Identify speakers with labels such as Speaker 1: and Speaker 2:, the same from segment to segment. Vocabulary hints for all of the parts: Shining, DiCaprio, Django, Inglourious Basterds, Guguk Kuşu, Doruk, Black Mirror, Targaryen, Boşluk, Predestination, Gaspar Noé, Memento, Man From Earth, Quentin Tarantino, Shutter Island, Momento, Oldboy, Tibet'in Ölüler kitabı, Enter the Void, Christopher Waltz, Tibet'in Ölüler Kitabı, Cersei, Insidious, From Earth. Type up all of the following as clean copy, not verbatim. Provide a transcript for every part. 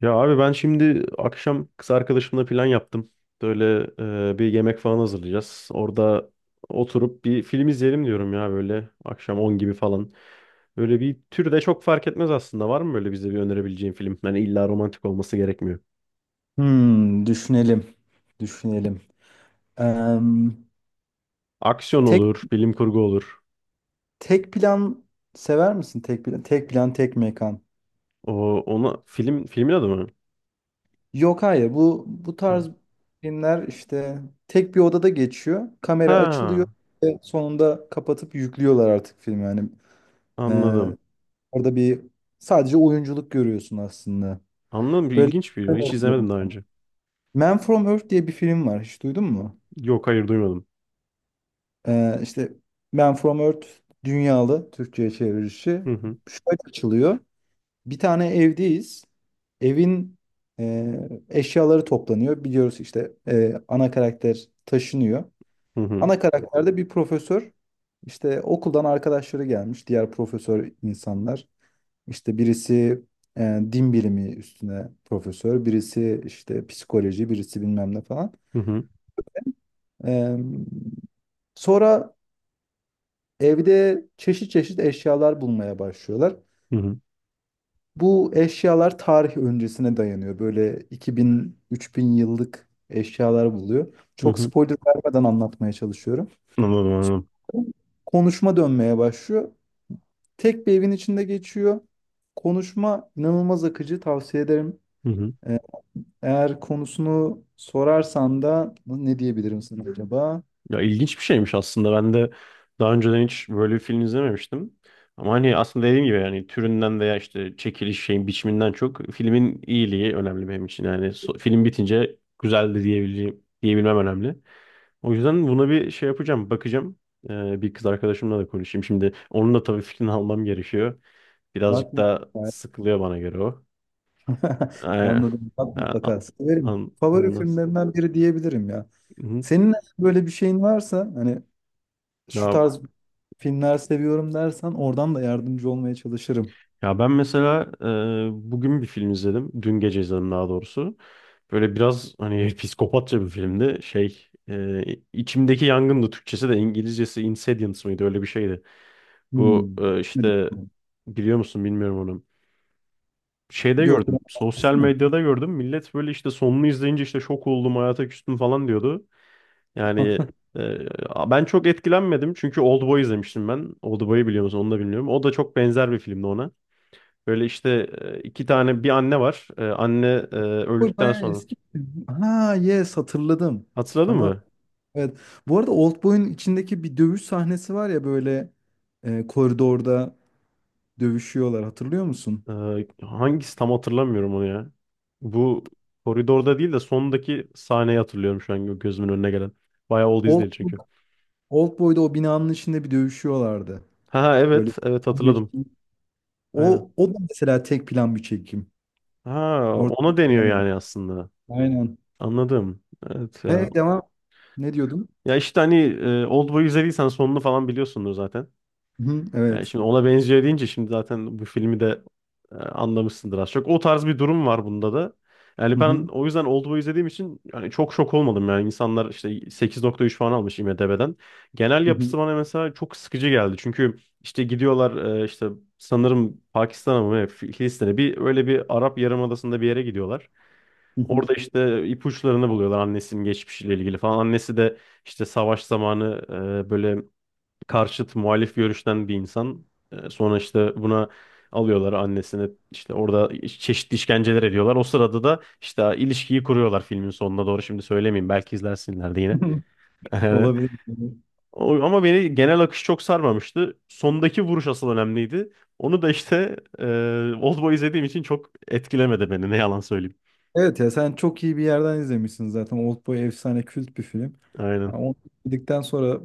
Speaker 1: Ya abi ben şimdi akşam kız arkadaşımla plan yaptım. Böyle bir yemek falan hazırlayacağız. Orada oturup bir film izleyelim diyorum ya böyle akşam 10 gibi falan. Böyle bir tür de çok fark etmez aslında. Var mı böyle bize bir önerebileceğin film? Yani illa romantik olması gerekmiyor.
Speaker 2: Düşünelim. Düşünelim. Em,
Speaker 1: Aksiyon
Speaker 2: tek
Speaker 1: olur, bilim kurgu olur.
Speaker 2: tek plan sever misin? Tek plan, tek plan, tek mekan.
Speaker 1: O ona film filmin adı mı?
Speaker 2: Yok, hayır. Bu tarz filmler işte tek bir odada geçiyor. Kamera açılıyor
Speaker 1: Ha,
Speaker 2: ve sonunda kapatıp yüklüyorlar artık filmi. Yani e,
Speaker 1: anladım.
Speaker 2: orada sadece oyunculuk görüyorsun aslında.
Speaker 1: Anladım.
Speaker 2: Böyle
Speaker 1: İlginç bir video. Hiç izlemedim daha önce.
Speaker 2: Man From Earth diye bir film var. Hiç duydun mu?
Speaker 1: Yok, hayır, duymadım.
Speaker 2: İşte Man From Earth, dünyalı, Türkçe'ye çevirişi şöyle açılıyor. Bir tane evdeyiz. Evin e, eşyaları toplanıyor. Biliyoruz işte ana karakter taşınıyor.
Speaker 1: Hı hı.
Speaker 2: Ana karakterde bir profesör. İşte okuldan arkadaşları gelmiş. Diğer profesör insanlar. İşte birisi din bilimi üstüne profesör. Birisi işte psikoloji. Birisi bilmem ne falan.
Speaker 1: Hı hı.
Speaker 2: E, sonra evde çeşit çeşit eşyalar bulmaya başlıyorlar.
Speaker 1: Hı hı.
Speaker 2: Bu eşyalar tarih öncesine dayanıyor. Böyle 2000-3000 yıllık eşyalar buluyor.
Speaker 1: Hı
Speaker 2: Çok
Speaker 1: hı.
Speaker 2: spoiler vermeden anlatmaya çalışıyorum.
Speaker 1: Anladım, anladım.
Speaker 2: Konuşma dönmeye başlıyor. Tek bir evin içinde geçiyor. Konuşma inanılmaz akıcı, tavsiye ederim. Ee, Eğer konusunu sorarsan da ne diyebilirim sana acaba?
Speaker 1: Ya ilginç bir şeymiş aslında. Ben de daha önceden hiç böyle bir film izlememiştim. Ama hani aslında dediğim gibi yani türünden veya işte çekiliş şeyin biçiminden çok filmin iyiliği önemli benim için. Yani film bitince güzeldi diyebilmem önemli. O yüzden buna bir şey yapacağım, bakacağım. Bir kız arkadaşımla da konuşayım. Şimdi onun da tabii fikrini almam gerekiyor.
Speaker 2: Bak
Speaker 1: Birazcık
Speaker 2: mı?
Speaker 1: daha sıkılıyor bana göre o. Ee,
Speaker 2: Anladım. Bak
Speaker 1: a- a-
Speaker 2: mutlaka. Severim.
Speaker 1: an-
Speaker 2: Favori
Speaker 1: ondan-
Speaker 2: filmlerinden biri diyebilirim ya.
Speaker 1: Hı.
Speaker 2: Senin böyle bir şeyin varsa, hani şu
Speaker 1: Ya
Speaker 2: tarz filmler seviyorum dersen, oradan da yardımcı olmaya çalışırım.
Speaker 1: Ya ben mesela bugün bir film izledim. Dün gece izledim daha doğrusu. Böyle biraz hani psikopatça bir filmdi. Şey, içimdeki yangındı Türkçesi de İngilizcesi Insidious mıydı öyle bir şeydi. Bu
Speaker 2: Hmm. Nedir
Speaker 1: işte
Speaker 2: bu?
Speaker 1: biliyor musun bilmiyorum onu. Şeyde
Speaker 2: Yok,
Speaker 1: gördüm.
Speaker 2: biraz
Speaker 1: Sosyal
Speaker 2: bahsetsene.
Speaker 1: medyada gördüm. Millet böyle işte sonunu izleyince işte şok oldum, hayata küstüm falan diyordu. Yani e, ben çok etkilenmedim. Çünkü Oldboy izlemiştim ben. Oldboy'u biliyor musun, onu da bilmiyorum. O da çok benzer bir filmdi ona. Böyle işte iki tane bir anne var. E, anne
Speaker 2: Oldboy
Speaker 1: öldükten
Speaker 2: bayağı
Speaker 1: sonra.
Speaker 2: eski bir film. Ha, yes, hatırladım.
Speaker 1: Hatırladın
Speaker 2: Tamam.
Speaker 1: mı?
Speaker 2: Evet. Bu arada Oldboy'un içindeki bir dövüş sahnesi var ya, böyle koridorda dövüşüyorlar, hatırlıyor musun?
Speaker 1: Hangisi tam hatırlamıyorum onu ya. Bu koridorda değil de sondaki sahneyi hatırlıyorum şu an gözümün önüne gelen. Bayağı oldu
Speaker 2: Old,
Speaker 1: izleyeli çünkü.
Speaker 2: Oldboy'da o binanın içinde bir dövüşüyorlardı.
Speaker 1: Ha
Speaker 2: Böyle
Speaker 1: evet, evet,
Speaker 2: 15
Speaker 1: hatırladım.
Speaker 2: gün.
Speaker 1: Aynen.
Speaker 2: O, o da mesela tek plan bir çekim.
Speaker 1: Ha,
Speaker 2: Orada
Speaker 1: ona
Speaker 2: aklına
Speaker 1: deniyor
Speaker 2: geldi.
Speaker 1: yani aslında.
Speaker 2: Aynen.
Speaker 1: Anladım. Evet ya.
Speaker 2: Evet, devam. Ne diyordum?
Speaker 1: Ya işte hani Oldboy'u izlediysen sonunu falan biliyorsundur zaten.
Speaker 2: Hı,
Speaker 1: Yani
Speaker 2: evet.
Speaker 1: şimdi ona benziyor deyince şimdi zaten bu filmi de anlamışsındır az çok. O tarz bir durum var bunda da. Yani
Speaker 2: Hı
Speaker 1: ben
Speaker 2: hı,
Speaker 1: o yüzden Old Boy'u izlediğim için yani çok şok olmadım, yani insanlar işte 8,3 falan almış IMDb'den. Genel
Speaker 2: hı hı,
Speaker 1: yapısı bana mesela çok sıkıcı geldi. Çünkü işte gidiyorlar işte sanırım Pakistan'a mı ne, Filistin'e, bir öyle bir Arap Yarımadası'nda bir yere gidiyorlar.
Speaker 2: hı hı.
Speaker 1: Orada işte ipuçlarını buluyorlar annesinin geçmişiyle ilgili falan. Annesi de işte savaş zamanı böyle karşıt muhalif görüşten bir insan. E, Sonra işte buna alıyorlar annesini, işte orada çeşitli işkenceler ediyorlar. O sırada da işte ilişkiyi kuruyorlar filmin sonuna doğru. Şimdi söylemeyeyim, belki izlersinler de yine.
Speaker 2: Olabilir.
Speaker 1: Ama beni genel akış çok sarmamıştı. Sondaki vuruş asıl önemliydi. Onu da işte Oldboy izlediğim için çok etkilemedi beni, ne yalan söyleyeyim.
Speaker 2: Evet ya, sen çok iyi bir yerden izlemişsin zaten. Oldboy efsane, kült bir film. Yani
Speaker 1: Aynen.
Speaker 2: onu izledikten sonra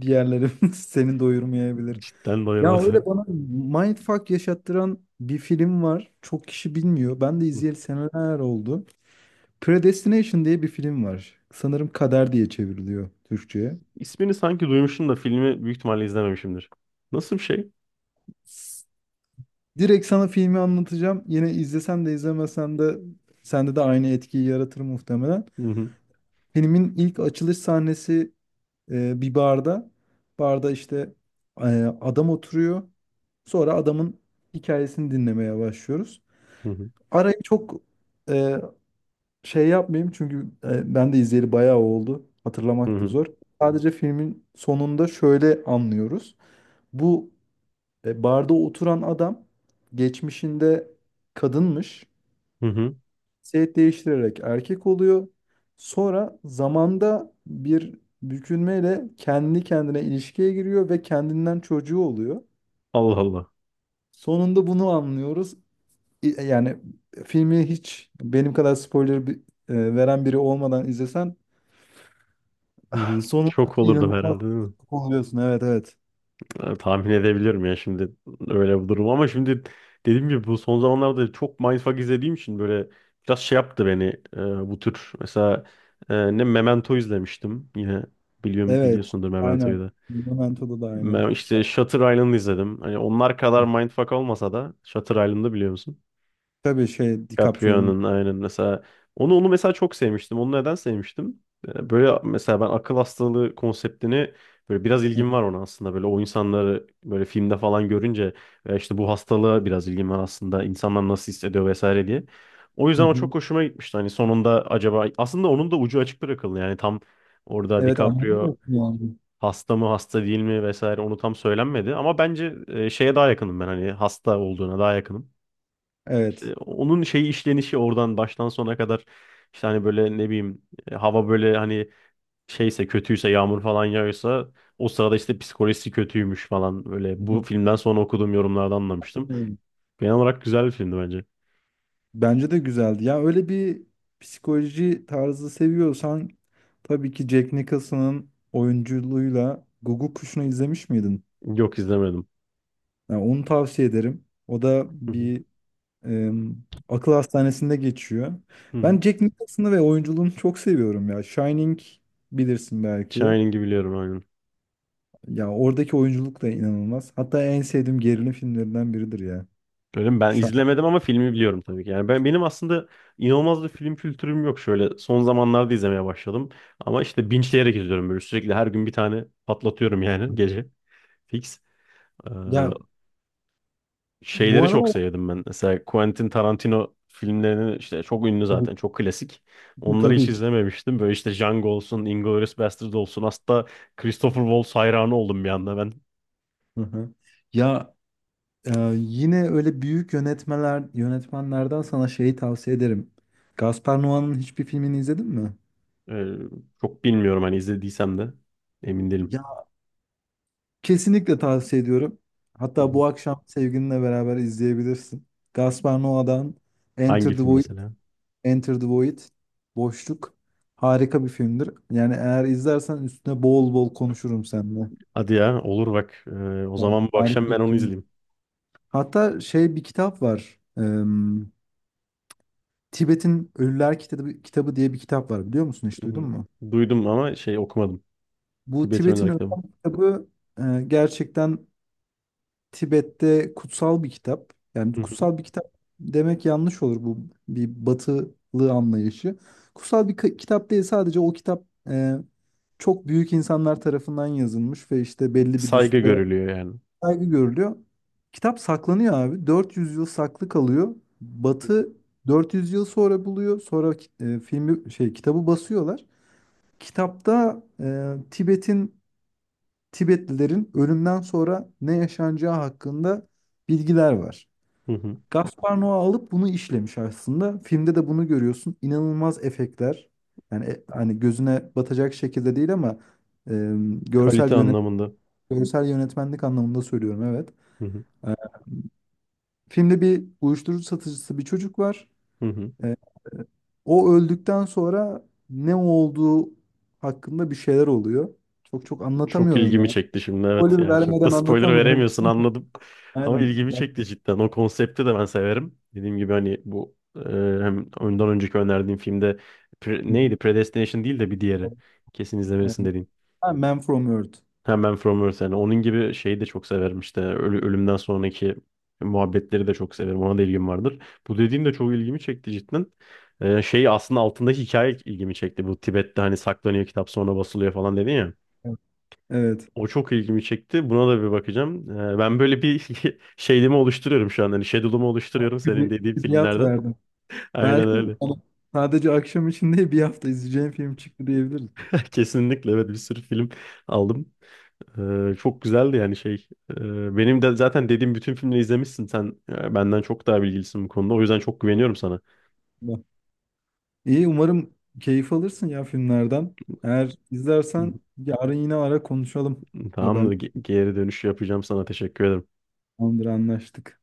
Speaker 2: diğerleri seni doyurmayabilir.
Speaker 1: Cidden
Speaker 2: Ya,
Speaker 1: doyurmadı.
Speaker 2: öyle bana mindfuck yaşattıran bir film var. Çok kişi bilmiyor. Ben de
Speaker 1: Hı.
Speaker 2: izleyeli seneler oldu. Predestination diye bir film var. Sanırım Kader diye çevriliyor Türkçe'ye.
Speaker 1: İsmini sanki duymuşum da filmi büyük ihtimalle izlememişimdir. Nasıl bir şey?
Speaker 2: Direkt sana filmi anlatacağım. Yine izlesen de izlemesen de sende de aynı etkiyi yaratır muhtemelen.
Speaker 1: Hı hı.
Speaker 2: Filmin ilk açılış sahnesi bir barda. Barda işte e, adam oturuyor. Sonra adamın hikayesini dinlemeye başlıyoruz.
Speaker 1: Hı hı.
Speaker 2: Arayı çok e, şey yapmayayım, çünkü ben de izleyeli bayağı oldu.
Speaker 1: Hı
Speaker 2: Hatırlamak da
Speaker 1: hı.
Speaker 2: zor. Sadece filmin sonunda şöyle anlıyoruz. Bu barda oturan adam geçmişinde kadınmış.
Speaker 1: Hı hı.
Speaker 2: Cinsiyet değiştirerek erkek oluyor. Sonra zamanda bir bükülmeyle kendi kendine ilişkiye giriyor ve kendinden çocuğu oluyor.
Speaker 1: Allah Allah.
Speaker 2: Sonunda bunu anlıyoruz. Yani filmi hiç benim kadar spoiler veren biri olmadan izlesen,
Speaker 1: Hı hı.
Speaker 2: sonunda
Speaker 1: Şok olurdum
Speaker 2: inanılmaz
Speaker 1: herhalde, değil mi?
Speaker 2: oluyorsun. Evet, evet.
Speaker 1: Yani tahmin edebilirim ya şimdi öyle bir durum, ama şimdi dediğim gibi bu son zamanlarda çok mindfuck izlediğim için böyle biraz şey yaptı beni. e, bu tür mesela e, ne Memento izlemiştim yine, biliyorum
Speaker 2: Evet.
Speaker 1: biliyorsundur Memento'yu
Speaker 2: Aynen.
Speaker 1: da.
Speaker 2: Momento'da da aynı
Speaker 1: İşte
Speaker 2: hikaye.
Speaker 1: Shutter Island izledim. Hani onlar kadar mindfuck olmasa da Shutter Island'ı biliyor musun?
Speaker 2: Tabii, şey, DiCaprio'nun.
Speaker 1: Caprio'nun, aynen. Mesela onu mesela çok sevmiştim. Onu neden sevmiştim? Böyle mesela ben akıl hastalığı konseptini, böyle biraz ilgim var ona aslında. Böyle o insanları böyle filmde falan görünce işte bu hastalığa biraz ilgim var aslında. İnsanlar nasıl hissediyor vesaire diye. O yüzden
Speaker 2: Hı
Speaker 1: o
Speaker 2: hı.
Speaker 1: çok hoşuma gitmişti. Hani sonunda acaba, aslında onun da ucu açık bırakıldı. Yani tam orada
Speaker 2: Evet,
Speaker 1: DiCaprio
Speaker 2: anladım yani.
Speaker 1: hasta mı hasta değil mi vesaire onu tam söylenmedi. Ama bence şeye daha yakınım ben, hani hasta olduğuna daha yakınım.
Speaker 2: Evet.
Speaker 1: Onun şey işlenişi oradan baştan sona kadar işte hani böyle ne bileyim, hava böyle hani şeyse, kötüyse, yağmur falan yağıyorsa o sırada işte psikolojisi kötüymüş falan, böyle
Speaker 2: Evet.
Speaker 1: bu filmden sonra okuduğum yorumlardan anlamıştım. Genel olarak güzel bir filmdi bence.
Speaker 2: Bence de güzeldi. Ya, öyle bir psikoloji tarzı seviyorsan, tabii ki Jack Nicholson'ın oyunculuğuyla Guguk Kuşu'nu izlemiş miydin?
Speaker 1: Yok, izlemedim.
Speaker 2: Yani onu tavsiye ederim. O da
Speaker 1: Hı hı,
Speaker 2: bir akıl hastanesinde geçiyor.
Speaker 1: hı hı.
Speaker 2: Ben Jack Nicholson'ı ve oyunculuğunu çok seviyorum ya. Shining bilirsin belki.
Speaker 1: Shining'i biliyorum, aynen.
Speaker 2: Ya oradaki oyunculuk da inanılmaz. Hatta en sevdiğim gerilim filmlerinden biridir ya.
Speaker 1: Böyle ben
Speaker 2: Şu an-
Speaker 1: izlemedim ama filmi biliyorum tabii ki. Yani benim aslında inanılmaz bir film kültürüm yok şöyle. Son zamanlarda izlemeye başladım. Ama işte binçleyerek izliyorum böyle sürekli, her gün bir tane patlatıyorum yani gece. Fix. Ee,
Speaker 2: Ya, bu
Speaker 1: şeyleri çok
Speaker 2: aralar
Speaker 1: sevdim ben. Mesela Quentin Tarantino filmlerini, işte çok ünlü zaten, çok klasik. Onları hiç
Speaker 2: tabii ki.
Speaker 1: izlememiştim. Böyle işte Django olsun, Inglourious Basterds olsun. Hatta Christopher Waltz hayranı oldum bir anda ben.
Speaker 2: Hı hı. Ya, yine öyle büyük yönetmenlerden sana şeyi tavsiye ederim. Gaspar Noé'nin hiçbir filmini izledin mi?
Speaker 1: Ee, çok bilmiyorum, hani izlediysem de emin değilim.
Speaker 2: Ya, kesinlikle tavsiye ediyorum.
Speaker 1: Hı
Speaker 2: Hatta
Speaker 1: hı.
Speaker 2: bu akşam sevgilinle beraber izleyebilirsin. Gaspar Noé'dan Enter
Speaker 1: Hangi
Speaker 2: the
Speaker 1: film
Speaker 2: Void,
Speaker 1: mesela?
Speaker 2: Enter the Void, Boşluk, harika bir filmdir. Yani eğer izlersen üstüne bol bol konuşurum seninle.
Speaker 1: Hadi ya, olur, bak. O
Speaker 2: Yani
Speaker 1: zaman bu
Speaker 2: harika
Speaker 1: akşam
Speaker 2: bir
Speaker 1: ben onu
Speaker 2: film.
Speaker 1: izleyeyim.
Speaker 2: Hatta şey, bir kitap var. Tibet'in Ölüler Kitabı, kitabı diye bir kitap var, biliyor musun, hiç
Speaker 1: Hı
Speaker 2: duydun
Speaker 1: hı.
Speaker 2: mu?
Speaker 1: Duydum ama şey okumadım.
Speaker 2: Bu
Speaker 1: Tibet'in
Speaker 2: Tibet'in
Speaker 1: Ölüler kitabı.
Speaker 2: Ölüler Kitabı gerçekten Tibet'te kutsal bir kitap.
Speaker 1: Hı
Speaker 2: Yani
Speaker 1: hı.
Speaker 2: kutsal bir kitap demek yanlış olur, bu bir batılı anlayışı. Kutsal bir kitap değil, sadece o kitap e, çok büyük insanlar tarafından yazılmış ve işte belli bir
Speaker 1: Saygı
Speaker 2: düsture
Speaker 1: görülüyor yani.
Speaker 2: saygı görülüyor. Kitap saklanıyor abi. 400 yıl saklı kalıyor. Batı 400 yıl sonra buluyor. Sonra filmi, şey, kitabı basıyorlar. Kitapta Tibet'in, Tibetlilerin ölümden sonra ne yaşanacağı hakkında bilgiler var.
Speaker 1: Hı hı.
Speaker 2: Gaspar Noé alıp bunu işlemiş aslında. Filmde de bunu görüyorsun. İnanılmaz efektler. Yani hani gözüne batacak şekilde değil ama e,
Speaker 1: Kalite
Speaker 2: görsel yönet
Speaker 1: anlamında.
Speaker 2: görsel yönetmenlik anlamında söylüyorum, evet.
Speaker 1: Hı hı.
Speaker 2: E, filmde bir uyuşturucu satıcısı bir çocuk var.
Speaker 1: Hı hı.
Speaker 2: E, o öldükten sonra ne olduğu hakkında bir şeyler oluyor. Çok çok
Speaker 1: Çok
Speaker 2: anlatamıyorum
Speaker 1: ilgimi
Speaker 2: ya.
Speaker 1: çekti şimdi, evet,
Speaker 2: Spoiler
Speaker 1: yani çok da
Speaker 2: vermeden
Speaker 1: spoiler
Speaker 2: anlatamıyorum.
Speaker 1: veremiyorsun, anladım. Ama
Speaker 2: Aynen.
Speaker 1: ilgimi çekti cidden. O konsepti de ben severim. Dediğim gibi hani bu hem ondan önceki önerdiğim filmde neydi? Predestination değil de bir diğeri. Kesin
Speaker 2: Evet.
Speaker 1: izlemelisin dediğin.
Speaker 2: Ha, Man from Earth.
Speaker 1: Hemen From Earth yani. Onun gibi şeyi de çok severim işte. Ölümden sonraki muhabbetleri de çok severim. Ona da ilgim vardır. Bu dediğim de çok ilgimi çekti cidden. Şey aslında altındaki hikaye ilgimi çekti. Bu Tibet'te hani saklanıyor kitap, sonra basılıyor falan dedin ya.
Speaker 2: Evet. Evet.
Speaker 1: O çok ilgimi çekti. Buna da bir bakacağım. Ben böyle bir şeyimi oluşturuyorum şu an. Hani schedule'umu oluşturuyorum senin
Speaker 2: Külli-
Speaker 1: dediğin
Speaker 2: Külliyat
Speaker 1: filmlerden.
Speaker 2: verdim.
Speaker 1: Aynen
Speaker 2: Belki
Speaker 1: öyle.
Speaker 2: ama sadece akşam için değil, bir hafta izleyeceğim film çıktı diyebiliriz.
Speaker 1: Kesinlikle, evet, bir sürü film aldım. Çok güzeldi yani şey. Benim de zaten dediğim bütün filmleri izlemişsin sen. Benden çok daha bilgilisin bu konuda. O yüzden çok güveniyorum sana.
Speaker 2: Evet. İyi, umarım keyif alırsın ya filmlerden. Eğer
Speaker 1: Hı
Speaker 2: izlersen yarın yine ara, konuşalım.
Speaker 1: hı.
Speaker 2: Haber,
Speaker 1: Tamamdır. Geri dönüş yapacağım sana. Teşekkür ederim.
Speaker 2: tamamdır, anlaştık.